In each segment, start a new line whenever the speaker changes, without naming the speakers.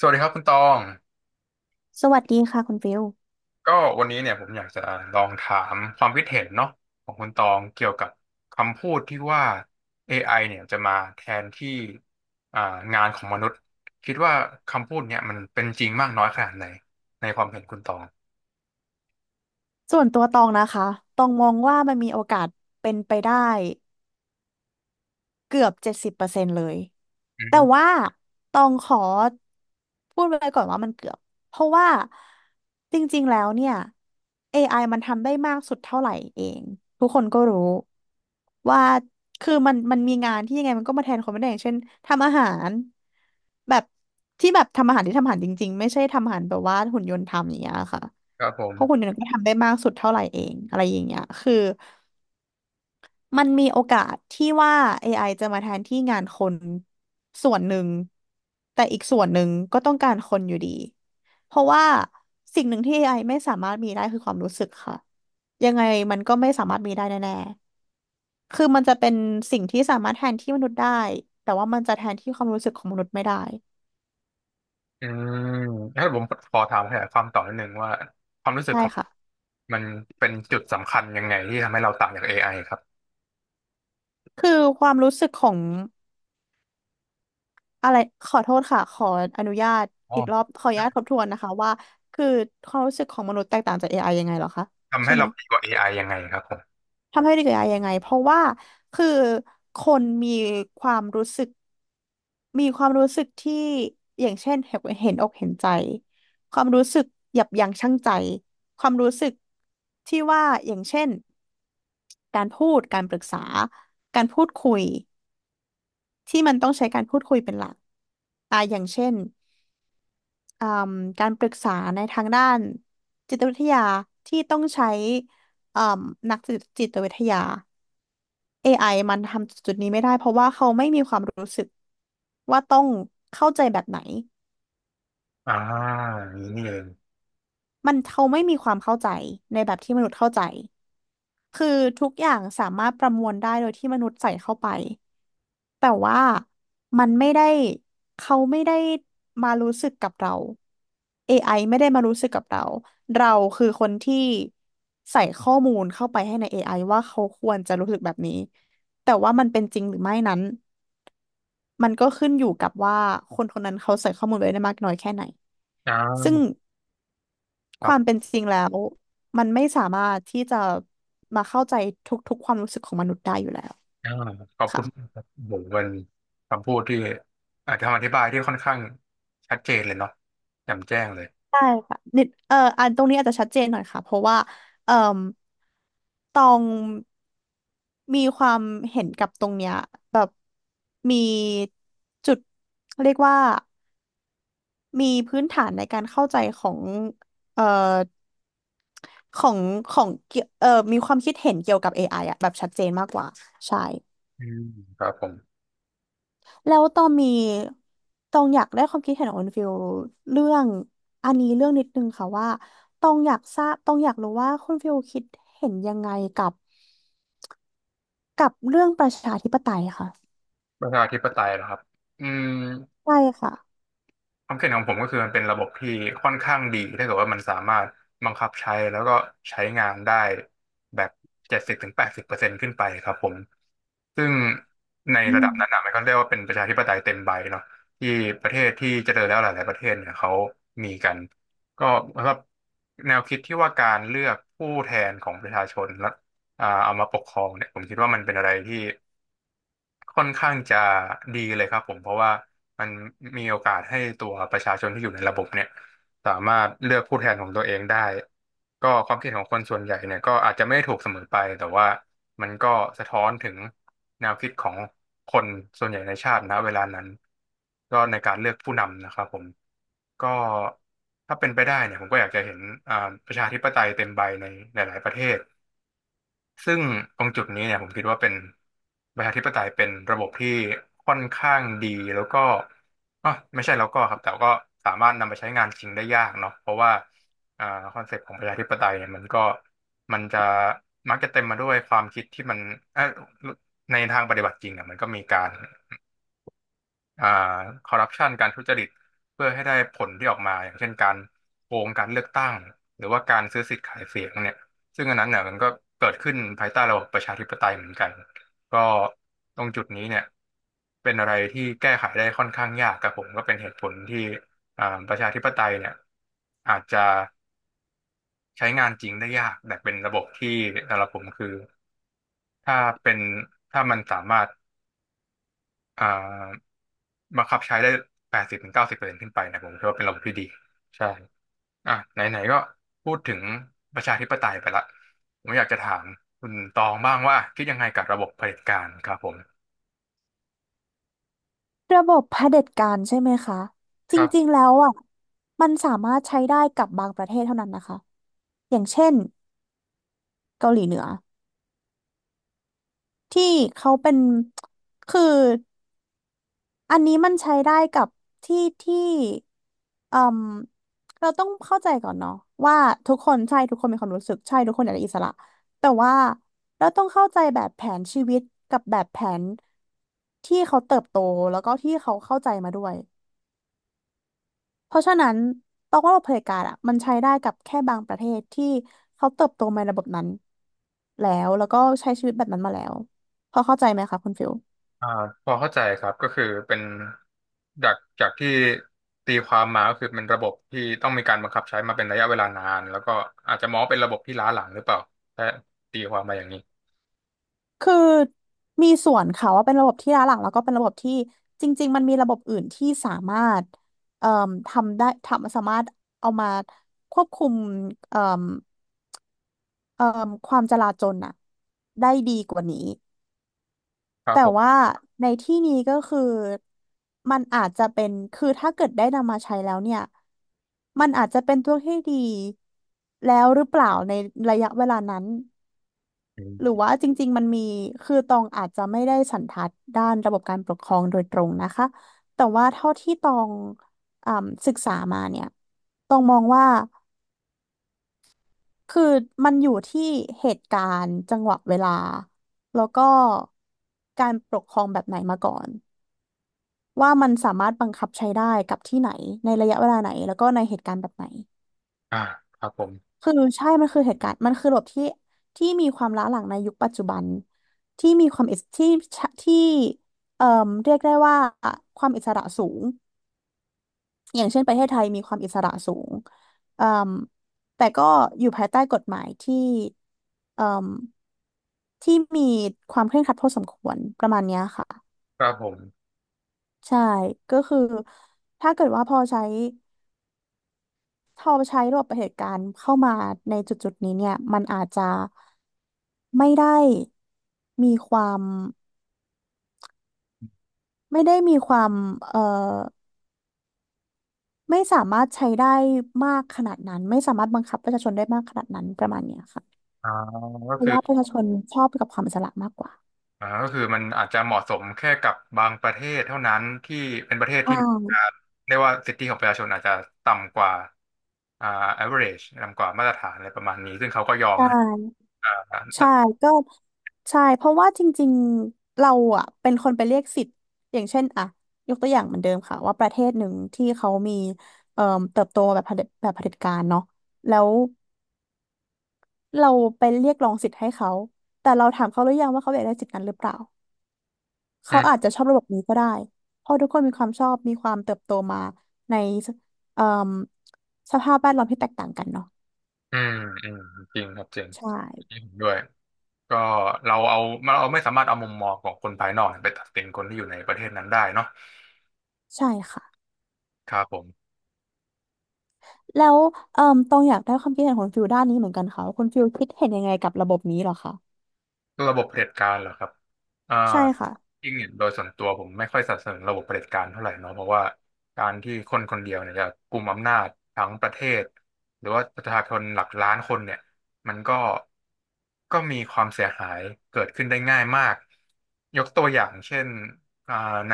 สวัสดีครับคุณตอง
สวัสดีค่ะคุณฟิล
ก็วันนี้เนี่ยผมอยากจะลองถามความคิดเห็นเนาะของคุณตองเกี่ยวกับคำพูดที่ว่า AI เนี่ยจะมาแทนที่อ่างานของมนุษย์คิดว่าคำพูดเนี่ยมันเป็นจริงมากน้อยขนาดไหนในความเห็นคุณตอง
ส่วนตัวตองนะคะตองมองว่ามันมีโอกาสเป็นไปได้เกือบเจ็ดสิบเปอร์เซ็นต์เลย
อื
แต่
ม
ว่าตองขอพูดไว้ก่อนว่ามันเกือบเพราะว่าจริงๆแล้วเนี่ยเอไ i มันทำได้มากสุดเท่าไหร่เองทุกคนก็รู้ว่าคือมันมีงานที่ยังไงมันก็มาแทนคนไม่ได้อย่างเช่นทำอาหารแบบที่แบบทำอาหารที่ทำอาหารจริงๆไม่ใช่ทำอาหารแบบว่าหุ่นยนต์ทำอย่างเงี้ยค่ะ
ครับผม
เพราะคุณเนี่ยก็ทำได้มากสุดเท่าไหร่เองอะไรอย่างเงี้ยคือมันมีโอกาสที่ว่า AI จะมาแทนที่งานคนส่วนหนึ่งแต่อีกส่วนหนึ่งก็ต้องการคนอยู่ดีเพราะว่าสิ่งหนึ่งที่ AI ไอไม่สามารถมีได้คือความรู้สึกค่ะยังไงมันก็ไม่สามารถมีได้แน่ๆคือมันจะเป็นสิ่งที่สามารถแทนที่มนุษย์ได้แต่ว่ามันจะแทนที่ความรู้สึกของมนุษย์ไม่ได้
อืมถ้าผมขอถามขยายความต่อนิดนึงว่าความรู้สึก
ได้
ของ
ค่ะ
มันเป็นจุดสำคัญยังไงที่ทำให้เราต่างจาก AI ครับ
คือความรู้สึกของ อะไรขอโทษค่ะขออนุญาต
อ๋อ
อีกรอบขออนุญาตทบทวนนะคะว่าคือความรู้สึกของมนุษย์แตกต่างจาก AI ยังไงเหรอคะ
ทำให้
ใช่ไหม
เราดีกว่า AI ยังไงครับผม
ทำให้เด็ก AI ยังไงเพราะว่าคือคนมีความรู้สึกมีความรู้สึกที่อย่างเช่นเห็นอกเห็นใจความรู้สึกยับยั้งชั่งใจความรู้สึกที่ว่าอย่างเช่นการพูดการปรึกษาการพูดคุยที่มันต้องใช้การพูดคุยเป็นหลักอย่างเช่น เอ่มการปรึกษาในทางด้านจิตวิทยาที่ต้องใช้เอ่มนักจิตวิทยา AI มันทำจุดนี้ไม่ได้เพราะว่าเขาไม่มีความรู้สึกว่าต้องเข้าใจแบบไหน
อ่าอย่างนี้นี่เอง
มันเขาไม่มีความเข้าใจในแบบที่มนุษย์เข้าใจคือทุกอย่างสามารถประมวลได้โดยที่มนุษย์ใส่เข้าไป แต่ว่ามันไม่ได้เขาไม่ได้มารู้สึกกับเรา AI ไอไม่ได้มารู้สึกกับเราเราคือคนที่ใส่ข้อมูลเข้าไปให้ใน AI ว่าเขาควรจะรู้สึกแบบนี้แต่ว่ามันเป็นจริงหรือไม่นั้นมันก็ขึ้นอยู่กับว่าคนคนนั้นเขาใส่ข้อมูลไว้ได้มากน้อยแค่ไหน
อ่
ซึ่ง
าค
ค
รั
วาม
บ
เป็นจริงแล้วมันไม่สามารถที่จะมาเข้าใจทุกๆความรู้สึกของมนุษย์ได้อยู่แล้ว
อ่าขอบคุ
ค่ะ
ณบากครับโหเป็นคำพูดที่อาจจะคำอธิบายที่ค่อนข้างชัดเจนเลยเนาะแจ่มแจ้งเลย
ใช่ค่ะนิดอันตรงนี้อาจจะชัดเจนหน่อยค่ะเพราะว่าเอ่อตองมีความเห็นกับตรงเนี้ยแบบมีจุดเรียกว่ามีพื้นฐานในการเข้าใจของเอ่อของของเกี่ยวมีความคิดเห็นเกี่ยวกับ AI อไออะแบบชัดเจนมากกว่าใช่
อืมครับผม
แล้วตองมีตองอยากได้ความคิดเห็นของคุณฟิลเรื่องอันนี้เรื่องนิดนึงค่ะว่าตองอยากทราบตองอยากรู้ว่าคุณฟิลคิดเห็นยังไงกับเรื่องประชาธิปไตยค่ะ
ประชาธิปไตยเหรอครับอืม
ใช่ค่ะ
ความคิดเห็นของผมก็คือมันเป็นระบบที่ค่อนข้างดีถ้าเกิดว่ามันสามารถบังคับใช้แล้วก็ใช้งานได้แบบ70 ถึง 80%ขึ้นไปครับผมซึ่งใน
อื
ระดับ
ม
นั้นนะมันก็เรียกว่าเป็นประชาธิปไตยเต็มใบเนาะที่ประเทศที่เจริญแล้วหลายๆประเทศเนี่ยเขามีกันก็ครับแนวคิดที่ว่าการเลือกผู้แทนของประชาชนและเอามาปกครองเนี่ยผมคิดว่ามันเป็นอะไรที่ ค่อนข้างจะดีเลยครับผมเพราะว่ามันมีโอกาสให้ตัวประชาชนที่อยู่ในระบบเนี่ยสามารถเลือกผู้แทนของตัวเองได้ก็ความคิดของคนส่วนใหญ่เนี่ยก็อาจจะไม่ถูกเสมอไปแต่ว่ามันก็สะท้อนถึงแนวคิดของคนส่วนใหญ่ในชาตินะเวลานั้นก็ในการเลือกผู้นำนะครับผมก็ถ้าเป็นไปได้เนี่ยผมก็อยากจะเห็นอ่าประชาธิปไตยเต็มใบในหลายๆประเทศ ซึ่งตรงจุดนี้เนี่ยผมคิดว่าเป็นประชาธิปไตยเป็นระบบที่ค่อนข้างดีแล้วก็อ๋อไม่ใช่แล้วก็ครับแต่ก็สามารถนำไปใช้งานจริงได้ยากเนาะเพราะว่าอ่าคอนเซปต์ของประชาธิปไตยเนี่ยมันก็มันจะมักจะเต็มมาด้วยความคิดที่มันเออในทางปฏิบัติจริงอ่ะมันก็มีการ อ่าคอร์รัปชันการทุจริตเพื่อให้ได้ผลที่ออกมาอย่างเช่นการโกงการเลือกตั้งหรือว่าการซื้อสิทธิ์ขายเสียงเนี่ยซึ่งอันนั้นเนี่ยมันก็เกิดขึ้นภายใต้ระบบประชาธิปไตยเหมือนกันก็ตรงจุดนี้เนี่ยเป็นอะไรที่แก้ไขได้ค่อนข้างยากกับผมก็เป็นเหตุผลที่ประชาธิปไตยเนี่ยอาจจะใช้งานจริงได้ยากแต่เป็นระบบที่สำหรับผมคือถ้าเป็นถ้ามันสามารถอ่า บังคับใช้ได้80 ถึง 90%ขึ้นไปนะผมคิดว่าเป็นระบบที่ดีใช่อ่ะไหนๆก็พูดถึงประชาธิปไตยไปละผมอยากจะถามคุณตองบ้างว่าคิดยังไงกับระบบเผด็จการครับผม
ระบบเผด็จการใช่ไหมคะจ
ครั
ริง
บ
ๆแล้วอ่ะมันสามารถใช้ได้กับบางประเทศเท่านั้นนะคะอย่างเช่นเกาหลีเหนือที่เขาเป็นคือ อันนี้มันใช้ได้กับที่เอ่มเราต้องเข้าใจก่อนเนาะว่าทุกคนใช่ทุกคนมีความรู้สึกใช่ทุกคนอยากได้อิสระแต่ว่าเราต้องเข้าใจแบบแผนชีวิตกับแบบแผนที่เขาเติบโตแล้วก็ที่เขาเข้าใจมาด้วยเพราะฉะนั้นตองว่าระบบเผด็จการอ่ะมันใช้ได้กับแค่บางประเทศที่เขาเติบโตมาในระบบนั้นแล้วก็ใช้ชีวิตแบบนั้นมาแล้วพอเข้าใจไหมคะคุณฟิล
อ่าพอเข้าใจครับก็คือเป็นจากที่ตีความมาก็คือเป็นระบบที่ต้องมีการบังคับใช้มาเป็นระยะเวลานานแล้วก็อาจจะมองว่าเป็นระบบที่ล้าหลังหรือเปล่าถ้าตีความมาอย่างนี้
คือมีส่วนค่ะว่าเป็นระบบที่ล้าหลังแล้วก็เป็นระบบที่จริงๆมันมีระบบอื่นที่สามารถเอ่มทำได้ทำสามารถเอามาควบคุมเอ่มเอ่มความจลาจลน่ะได้ดีกว่านี้
ครับ
แต่
ผม
ว่าในที่นี้ก็คือมันอาจจะเป็นคือถ้าเกิดได้นำมาใช้แล้วเนี่ยมันอาจจะเป็นตัวที่ดีแล้วหรือเปล่าในระยะเวลานั้น
อื
หรือ
ม
ว่าจริงๆมันมีคือตองอาจจะไม่ได้สันทัดด้านระบบการปกครองโดยตรงนะคะ แต่ว่าเท่าที่ตองศึกษามาเนี่ยตองมองว่า คือมันอยู่ที่เหตุการณ์จังหวะเวลา แล้วก็การปกครองแบบไหนมาก่อน ว่ามันสามารถบังคับใช้ได้กับที่ไหนในระยะเวลาไหนแล้วก็ในเหตุการณ์แบบไหน
อ่าครับผม
คือใช่มันคือเหตุการณ์มันคือระบบที่มีความล้าหลังในยุคปัจจุบันที่มีความอิสที่ที่เอ่อเรียกได้ว่าความอิสระสูงอย่างเช่นประเทศไทยมีความอิสระสูงเอ่มแต่ก็อยู่ภายใต้กฎหมายที่เอ่มที่มีความเคร่งครัดพอสมควรประมาณเนี้ยค่ะ
ครับผม
ใช่ก็คือถ้าเกิดว่าพอใช้ระบบเหตุการณ์เข้ามาในจุดจุดนี้เนี่ยมันอาจจะไม่ได้มีความไม่ได้มีความเอ่อไม่สามารถใช้ได้มากขนาดนั้นไม่สามารถบังคับประชาชนได้มากขนาดนั้นประมาณเนี้ยค่ะ
อ่าก็
เพราะ
คือ
ว่าประชาชนชอบกับความอิสระมากกว่า
ก็คือมันอาจจะเหมาะสมแค่กับบางประเทศเท่านั้นที่เป็นประเทศ
ใช่
ที่มีการเรียกว่าสิทธิของประชาชนอาจจะต่ำกว่าอ่า average ต่ำกว่ามาตรฐานอะไรประมาณนี้ซึ่งเขาก็ยอม
ใช
ให้
่
อ่า
ใช่ก็ใช่เพราะว่าจริงๆเราอ่ะเป็นคนไปเรียกสิทธิ์อย่างเช่นอ่ะยกตัวอย่างเหมือนเดิมค่ะว่าประเทศหนึ่งที่เขามีเอ่อเติบโตแบบเผด็จการเนาะแล้วเราไปเรียกร้องสิทธิ์ให้เขาแต่เราถามเขาหรือยังว่าเขาอยากได้สิทธิ์นั้นหรือเปล่า
อื
เขาอาจ
ม
จะชอบระบบนี้ก็ได้เพราะทุกคนมีความชอบมีความเติบโตมาในเอ่อสภาพแวดล้อมที่แตกต่างกันเนาะ
อืมอืมจริงครับจริง
ใช่
อัเ็นด้วยก็เราเอาเราไม่สามารถเอามุมมองของคนภายนอกไปตัดสินคนที่อยู่ในประเทศนั้นได้เนาะ
ใช่ค่ะ
ครับผม
แล้วเอ่อตองอยากได้ความคิดเห็นของฟิลด้านนี้เหมือนกันค่ะว่าคุณฟิลคิดเห็นยังไงกับระบบนี้เหรอคะ
ระบบเผด็จการเหรอครับอ่า
ใช่ค่ะ
จริงเนี่ยโดยส่วนตัวผมไม่ค่อยสนับสนุนระบบเผด็จการเท่าไหร่เนาะเพราะว่าการที่คนคนเดียวเนี่ยจะกุมอำนาจทั้งประเทศหรือว่าประชาชนหลักล้านคนเนี่ยมันก็ก็มีความเสียหายเกิดขึ้นได้ง่ายมาก ยกตัวอย่างเช่นอ่าใน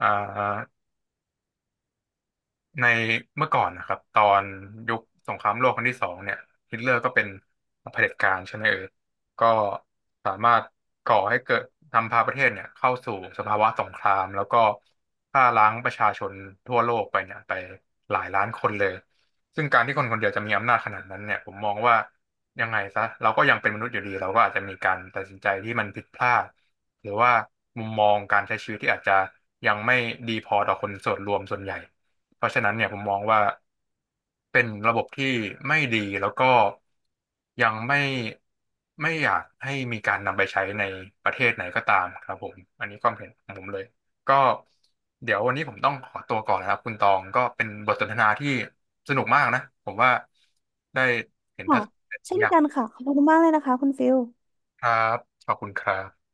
อ่า ในเมื่อก่อนนะครับตอนยุคสงครามโลกครั้งที่ 2เนี่ยฮิตเลอร์ก็เป็นเผด็จการใช่ไหมเออก็สามารถก่อให้เกิดทำพาประเทศเนี่ยเข้าสู่สภาวะสงครามแล้วก็ฆ่าล้างประชาชนทั่วโลกไปเนี่ยไปหลายล้านคนเลยซึ่งการที่คนคนเดียวจะมีอำนาจขนาดนั้นเนี่ยผมมองว่ายังไงซะเราก็ยังเป็นมนุษย์อยู่ดีเราก็อาจจะมีการตัดสินใจที่มันผิดพลาดหรือว่ามุมมองการใช้ชีวิตที่อาจจะยังไม่ดีพอต่อคนส่วนรวมส่วนใหญ่ เพราะฉะนั้นเนี่ยผมมองว่าเป็นระบบที่ไม่ดีแล้วก็ยังไม่ไม่อยากให้มีการนำไปใช้ในประเทศไหนก็ตามครับผมอันนี้ความเห็นของผมเลยก็เดี๋ยววันนี้ผมต้องขอตัวก่อนนะครับคุณตองก็เป็นบทสนทนาที่สนุกมากนะผมว่าได้เห็นทั
ค่ะ
ศนคติห
เช่
ลาย
น
อย่าง
กันค่ะขอบคุณมากเลยนะคะคุณฟิล
ครับขอบคุณครับ